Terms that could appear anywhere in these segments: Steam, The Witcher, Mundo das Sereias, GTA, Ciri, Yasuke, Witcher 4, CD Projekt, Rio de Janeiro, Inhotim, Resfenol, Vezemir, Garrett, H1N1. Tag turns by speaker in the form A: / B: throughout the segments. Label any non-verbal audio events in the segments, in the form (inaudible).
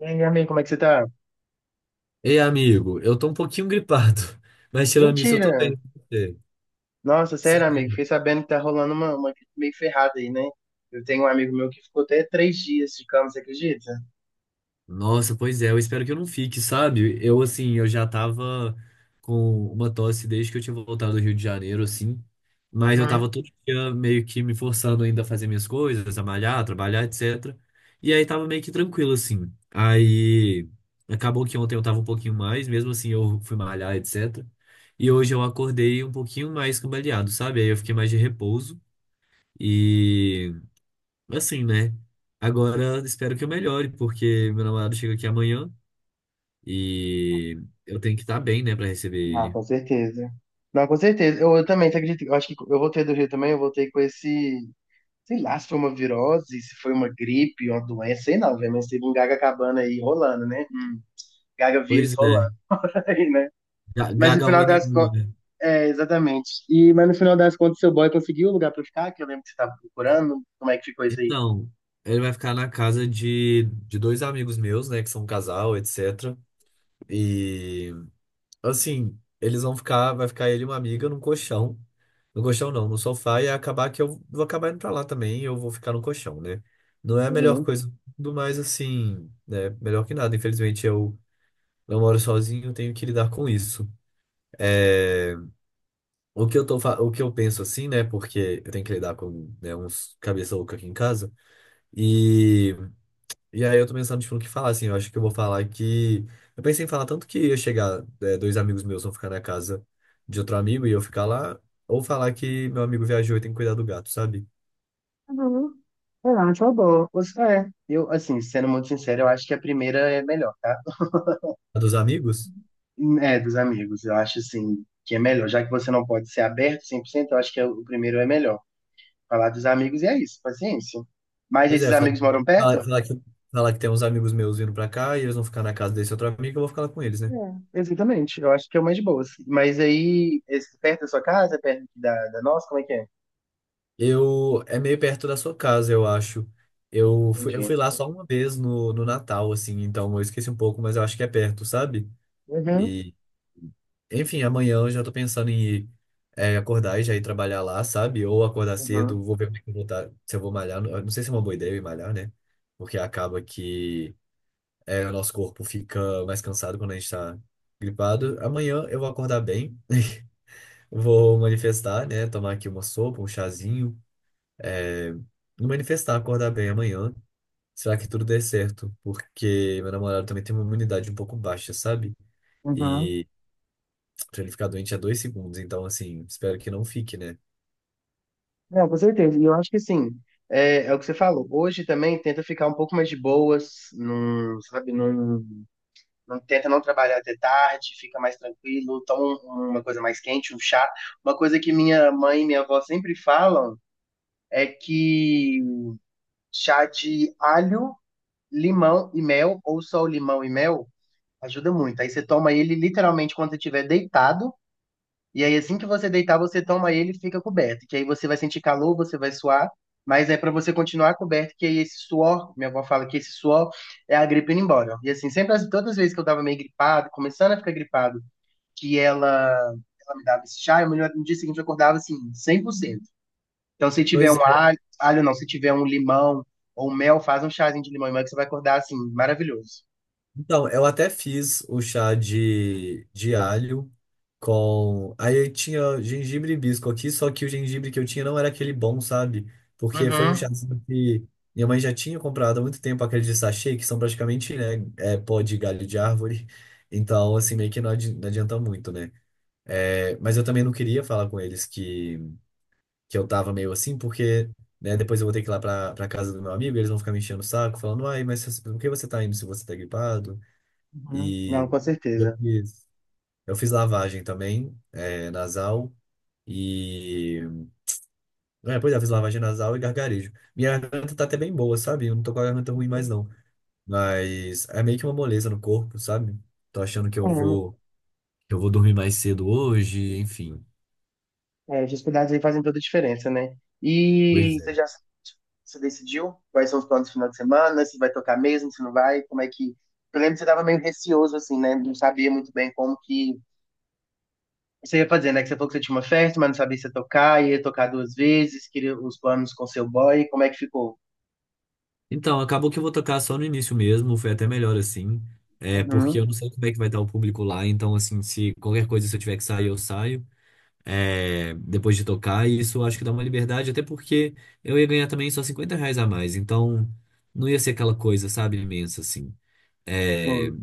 A: E aí, amigo, como é que você tá?
B: Ei, amigo, eu tô um pouquinho gripado, (laughs) mas tirando isso, eu tô bem.
A: Mentira!
B: E você?
A: Nossa, sério,
B: Sério?
A: amigo, fiquei sabendo que tá rolando uma gripe meio ferrada aí, né? Eu tenho um amigo meu que ficou até 3 dias de cama, você acredita?
B: Nossa, pois é, eu espero que eu não fique, sabe? Eu, assim, eu já tava com uma tosse desde que eu tinha voltado do Rio de Janeiro, assim, mas eu
A: Uhum.
B: tava todo dia meio que me forçando ainda a fazer minhas coisas, a malhar, trabalhar, etc. E aí tava meio que tranquilo, assim. Aí acabou que ontem eu tava um pouquinho mais, mesmo assim eu fui malhar, etc. E hoje eu acordei um pouquinho mais cambaleado, sabe? Aí eu fiquei mais de repouso. E assim, né? Agora espero que eu melhore, porque meu namorado chega aqui amanhã e eu tenho que estar bem, né, pra receber
A: Não,
B: ele.
A: com certeza. Não, com certeza. Eu também, você acredita? Eu acho que eu voltei do Rio também, eu voltei com esse... Sei lá se foi uma virose, se foi uma gripe, uma doença, sei não, velho, mas teve um gaga cabana aí rolando, né? Gaga vírus
B: Pois
A: rolando
B: é,
A: (laughs) aí, né?
B: Ga-
A: Mas no final das,
B: H1N1, né?
A: é, exatamente. E, mas no final das contas, seu boy conseguiu o lugar pra ficar, que eu lembro que você tava procurando. Como é que ficou isso aí?
B: Então, ele vai ficar na casa de dois amigos meus, né, que são um casal, etc. E, assim, eles vão ficar, vai ficar ele e uma amiga num colchão. No colchão não, no sofá, e acabar que eu vou acabar indo pra lá também, e eu vou ficar no colchão, né? Não é a melhor
A: Uhum.
B: coisa do mais, assim, né? Melhor que nada. Infelizmente, eu moro sozinho, tenho que lidar com isso. É, o que eu tô, o que eu penso assim, né? Porque eu tenho que lidar com, né, uns cabeça louca aqui em casa. E, e aí eu tô pensando, tipo, no que falar, assim. Eu acho que eu vou falar que. Eu pensei em falar tanto que ia chegar, é, dois amigos meus vão ficar na casa de outro amigo e eu ficar lá. Ou falar que meu amigo viajou e tem que cuidar do gato, sabe?
A: Uhum. Eu acho uma boa. Você, é, eu, assim, sendo muito sincero, eu acho que a primeira é melhor, tá?
B: A Dos amigos?
A: É, dos amigos, eu acho, assim, que é melhor. Já que você não pode ser aberto 100%. Eu acho que o primeiro é melhor. Falar dos amigos e é isso, paciência. Mas
B: Pois
A: esses
B: é,
A: amigos moram perto?
B: falar, falar que, falar que tem uns amigos meus vindo pra cá e eles vão ficar na casa desse outro amigo, eu vou ficar lá com eles, né?
A: É, exatamente, eu acho que é o mais de boas. Mas aí, esse, perto da sua casa, perto da nossa, como é que é?
B: Eu é meio perto da sua casa, eu acho. Eu fui, eu
A: Entendi.
B: fui lá só uma vez no Natal, assim, então eu esqueci um pouco, mas eu acho que é perto, sabe?
A: Uhum.
B: E, enfim, amanhã eu já tô pensando em ir, é, acordar e já ir trabalhar lá, sabe? Ou acordar cedo,
A: Uhum.
B: vou ver como é que eu vou se eu vou malhar. Eu não sei se é uma boa ideia eu ir malhar, né? Porque acaba que é, o nosso corpo fica mais cansado quando a gente tá gripado. Amanhã eu vou acordar bem, (laughs) vou manifestar, né? Tomar aqui uma sopa, um chazinho é, me manifestar, acordar bem amanhã. Será que tudo dê certo? Porque meu namorado também tem uma imunidade um pouco baixa, sabe?
A: Uhum.
B: E pra ele ficar doente é 2 segundos, então assim, espero que não fique, né?
A: Não, com certeza. E eu acho que sim. É o que você falou. Hoje também tenta ficar um pouco mais de boas, não, sabe, não tenta não trabalhar até tarde, fica mais tranquilo, toma uma coisa mais quente, um chá. Uma coisa que minha mãe e minha avó sempre falam é que chá de alho, limão e mel, ou só o limão e mel, ajuda muito. Aí você toma ele literalmente quando você estiver deitado. E aí, assim que você deitar, você toma ele e fica coberto. Que aí você vai sentir calor, você vai suar, mas é para você continuar coberto, que aí esse suor, minha avó fala que esse suor é a gripe indo embora. E assim, sempre, todas as vezes que eu tava meio gripado, começando a ficar gripado, que ela me dava esse chá, eu, no dia seguinte eu acordava assim, 100%. Então, se tiver
B: Pois
A: um
B: é,
A: alho, alho não, se tiver um limão ou mel, faz um chazinho de limão e mel que você vai acordar assim, maravilhoso.
B: então, eu até fiz o chá de alho com. Aí tinha gengibre e hibisco aqui, só que o gengibre que eu tinha não era aquele bom, sabe? Porque foi um chá
A: Uhum.
B: que minha mãe já tinha comprado há muito tempo aqueles de sachê, que são praticamente, né, é, pó de galho de árvore. Então, assim, meio que não adianta muito, né? É, mas eu também não queria falar com eles que eu tava meio assim, porque. Né? Depois eu vou ter que ir lá pra casa do meu amigo, e eles vão ficar me enchendo o saco, falando, ai, mas por que você tá indo se você tá gripado?
A: Uhum. Não,
B: E
A: com
B: eu
A: certeza.
B: fiz, eu fiz lavagem também, é, nasal. E. É, pois é, eu fiz lavagem nasal e gargarejo. Minha garganta tá até bem boa, sabe? Eu não tô com a garganta ruim mais não. Mas é meio que uma moleza no corpo, sabe? Tô achando que eu
A: É,
B: vou, que eu vou dormir mais cedo hoje, enfim.
A: É, os cuidados aí fazem toda a diferença, né? E
B: Pois
A: você
B: é.
A: já você decidiu quais são os planos do final de semana, se vai tocar mesmo, se não vai, como é que... Eu lembro que você tava meio receoso, assim, né? Não sabia muito bem como que você ia fazer, né? Que você falou que você tinha uma festa, mas não sabia se ia tocar duas vezes, queria os planos com seu boy, como é que ficou?
B: Então, acabou que eu vou tocar só no início mesmo, foi até melhor assim. É, porque eu
A: Uhum.
B: não sei como é que vai estar o público lá, então assim, se qualquer coisa se eu tiver que sair, eu saio. É, depois de tocar, e isso eu acho que dá uma liberdade, até porque eu ia ganhar também só R$ 50 a mais, então não ia ser aquela coisa, sabe, imensa assim. É,
A: Bom,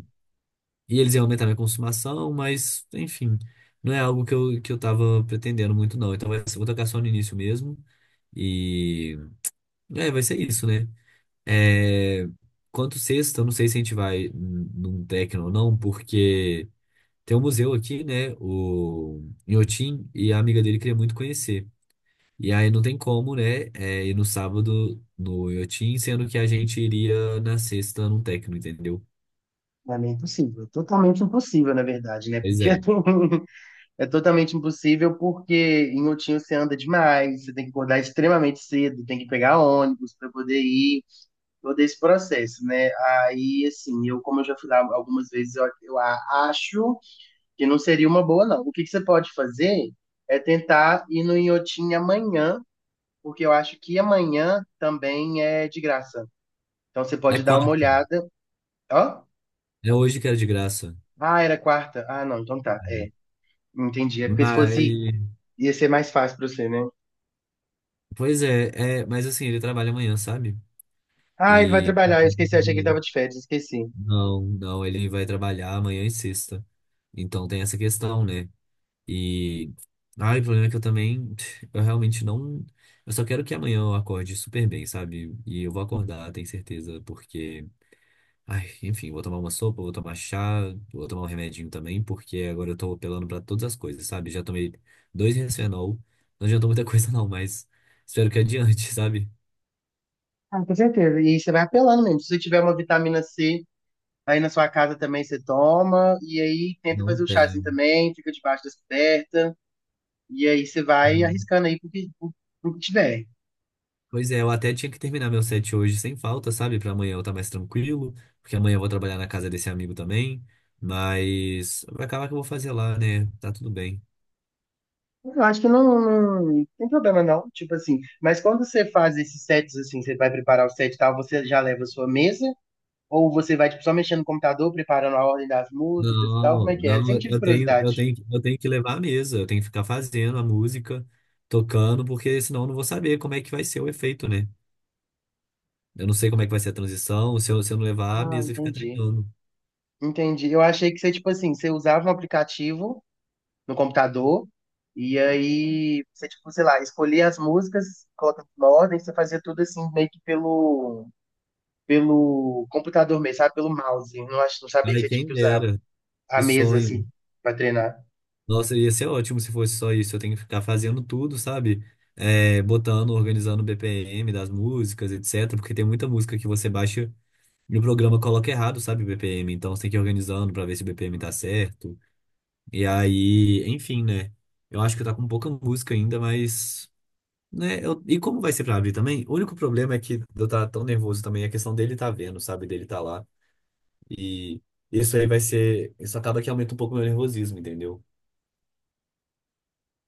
B: e eles iam aumentar minha consumação, mas enfim, não é algo que eu tava pretendendo muito, não. Então vai ser, vou tocar só no início mesmo, e é, vai ser isso, né? É, quanto sexta, eu não sei se a gente vai num techno ou não, porque. Tem um museu aqui, né? O Inhotim, e a amiga dele queria muito conhecer. E aí não tem como, né? É, ir no sábado no Yotin, sendo que a gente iria na sexta num técnico, entendeu?
A: pra mim é impossível, totalmente impossível, na verdade, né?
B: Pois
A: Porque
B: é.
A: (laughs) é totalmente impossível porque em Outinho você anda demais, você tem que acordar extremamente cedo, tem que pegar ônibus para poder ir, todo esse processo, né? Aí, assim, eu, como eu já fui lá algumas vezes, eu acho que não seria uma boa, não. O que que você pode fazer é tentar ir no Inhotim amanhã, porque eu acho que amanhã também é de graça. Então você
B: É
A: pode dar uma
B: quarta.
A: olhada. Ó,
B: É hoje que era de graça.
A: ah, era quarta. Ah, não, então tá.
B: É.
A: É, entendi. É porque se
B: Mas,
A: fosse, ia ser mais fácil para você, né?
B: pois é, é, mas assim, ele trabalha amanhã, sabe?
A: Ah, ele vai
B: E
A: trabalhar. Eu esqueci, achei que ele
B: ele-
A: tava de férias, esqueci.
B: não, não, ele vai trabalhar amanhã e sexta. Então tem essa questão, né? E ai, o problema é que eu também, eu realmente não, eu só quero que amanhã eu acorde super bem, sabe? E eu vou acordar, tenho certeza, porque ai, enfim, vou tomar uma sopa, vou tomar chá, vou tomar um remedinho também, porque agora eu tô apelando pra todas as coisas, sabe? Já tomei dois Resfenol, não adiantou muita (laughs) coisa não, mas espero que adiante, (laughs) sabe?
A: Ah, com certeza. E você vai apelando mesmo. Se você tiver uma vitamina C aí na sua casa também, você toma. E aí tenta
B: Não
A: fazer o chazinho
B: tem.
A: também, fica debaixo das cobertas. E aí você vai
B: Hum.
A: arriscando aí pro que tiver.
B: Pois é, eu até tinha que terminar meu set hoje sem falta, sabe? Pra amanhã eu estar mais tranquilo, porque amanhã eu vou trabalhar na casa desse amigo também, mas vai acabar que eu vou fazer lá, né? Tá tudo bem.
A: Eu acho que não, tem problema não, tipo assim. Mas quando você faz esses sets assim, você vai preparar o set e tal, você já leva a sua mesa? Ou você vai tipo, só mexendo no computador, preparando a ordem das músicas e tal? Como
B: Não,
A: é que é?
B: não,
A: Sempre tive
B: eu tenho,
A: curiosidade.
B: eu tenho, eu tenho que levar a mesa, eu tenho que ficar fazendo a música, tocando, porque senão eu não vou saber como é que vai ser o efeito, né? Eu não sei como é que vai ser a transição, se eu não levar a
A: Ah,
B: mesa e ficar
A: entendi.
B: treinando.
A: Entendi. Eu achei que você, tipo assim, você usava um aplicativo no computador e aí você, tipo, sei lá, escolhia as músicas, colocava na ordem, você fazia tudo assim, meio que pelo computador mesmo, sabe? Pelo mouse. Eu não sabia que
B: Ai,
A: você tinha
B: quem
A: que usar
B: dera,
A: a
B: que
A: mesa,
B: sonho.
A: assim, pra treinar.
B: Nossa, ia ser ótimo se fosse só isso, eu tenho que ficar fazendo tudo, sabe? É, botando, organizando o BPM das músicas, etc, porque tem muita música que você baixa e o programa coloca errado, sabe, o BPM, então você tem que ir organizando pra ver se o BPM tá certo. E aí, enfim, né? Eu acho que tá com pouca música ainda, mas. Né? E como vai ser pra abrir também? O único problema é que eu tá tão nervoso também, a questão dele tá vendo, sabe? Dele tá lá. E isso aí vai ser. Isso acaba que aumenta um pouco o meu nervosismo, entendeu?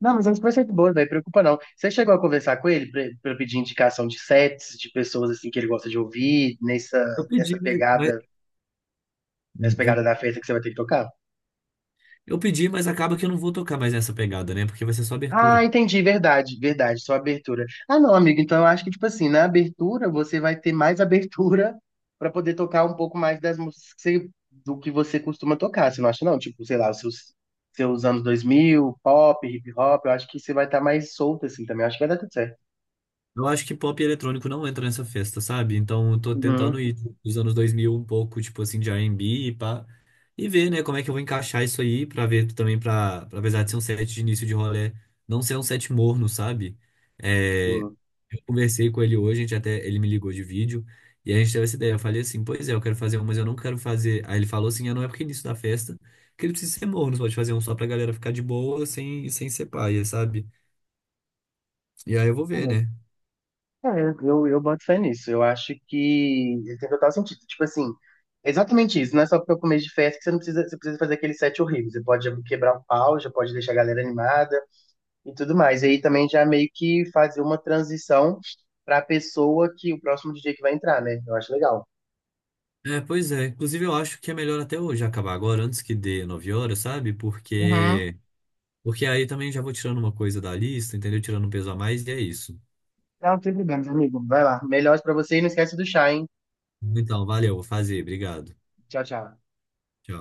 A: Não, mas é um conceito bom, não preocupa não. Você chegou a conversar com ele pra pedir indicação de sets, de pessoas, assim, que ele gosta de ouvir,
B: Eu
A: nessa
B: pedi, mas.
A: pegada, nessa
B: Hum,
A: pegada
B: eu,
A: da festa que você vai ter que tocar?
B: eu pedi, mas acaba que eu não vou tocar mais nessa pegada, né? Porque vai ser só
A: Ah,
B: abertura.
A: entendi, verdade, verdade, só abertura. Ah, não, amigo, então eu acho que, tipo assim, na abertura você vai ter mais (laughs) abertura pra poder tocar um pouco mais das músicas do que você costuma tocar, você não acha, não? Tipo, sei lá, os seus anos 2000, pop, hip hop, eu acho que você vai estar mais solto, assim, também, eu acho que vai dar tudo certo.
B: Eu acho que pop e eletrônico não entra nessa festa, sabe? Então eu tô tentando
A: Uhum.
B: ir dos anos 2000 um pouco, tipo assim, de R&B e B e pá. E ver, né, como é que eu vou encaixar isso aí pra ver também, pra apesar de ser um set de início de rolê, não ser um set morno, sabe? É, eu conversei com ele hoje, a gente até, ele me ligou de vídeo, e a gente teve essa ideia. Eu falei assim, pois é, eu quero fazer um, mas eu não quero fazer. Aí ele falou assim, ah, não é porque é início da festa, que ele precisa ser morno, você pode fazer um só pra galera ficar de boa, sem ser paia, sabe? E aí eu vou ver,
A: Sim.
B: né?
A: É, eu boto fé nisso. Eu acho que ele tem total sentido. Tipo assim, exatamente isso. Não é só porque é o começo de festa que você não precisa, você precisa fazer aquele set horrível. Você pode já quebrar um pau, já pode deixar a galera animada e tudo mais. E aí também já meio que fazer uma transição pra pessoa que o próximo DJ que vai entrar, né? Eu acho legal.
B: É, pois é. Inclusive, eu acho que é melhor até hoje acabar agora, antes que dê 9 horas, sabe?
A: Uhum.
B: Porque aí também já vou tirando uma coisa da lista, entendeu? Tirando um peso a mais, e é isso.
A: Não, sem problemas, amigo. Vai lá. Melhores pra você e não esquece do chá, hein?
B: Então, valeu, vou fazer. Obrigado.
A: Tchau, tchau.
B: Tchau.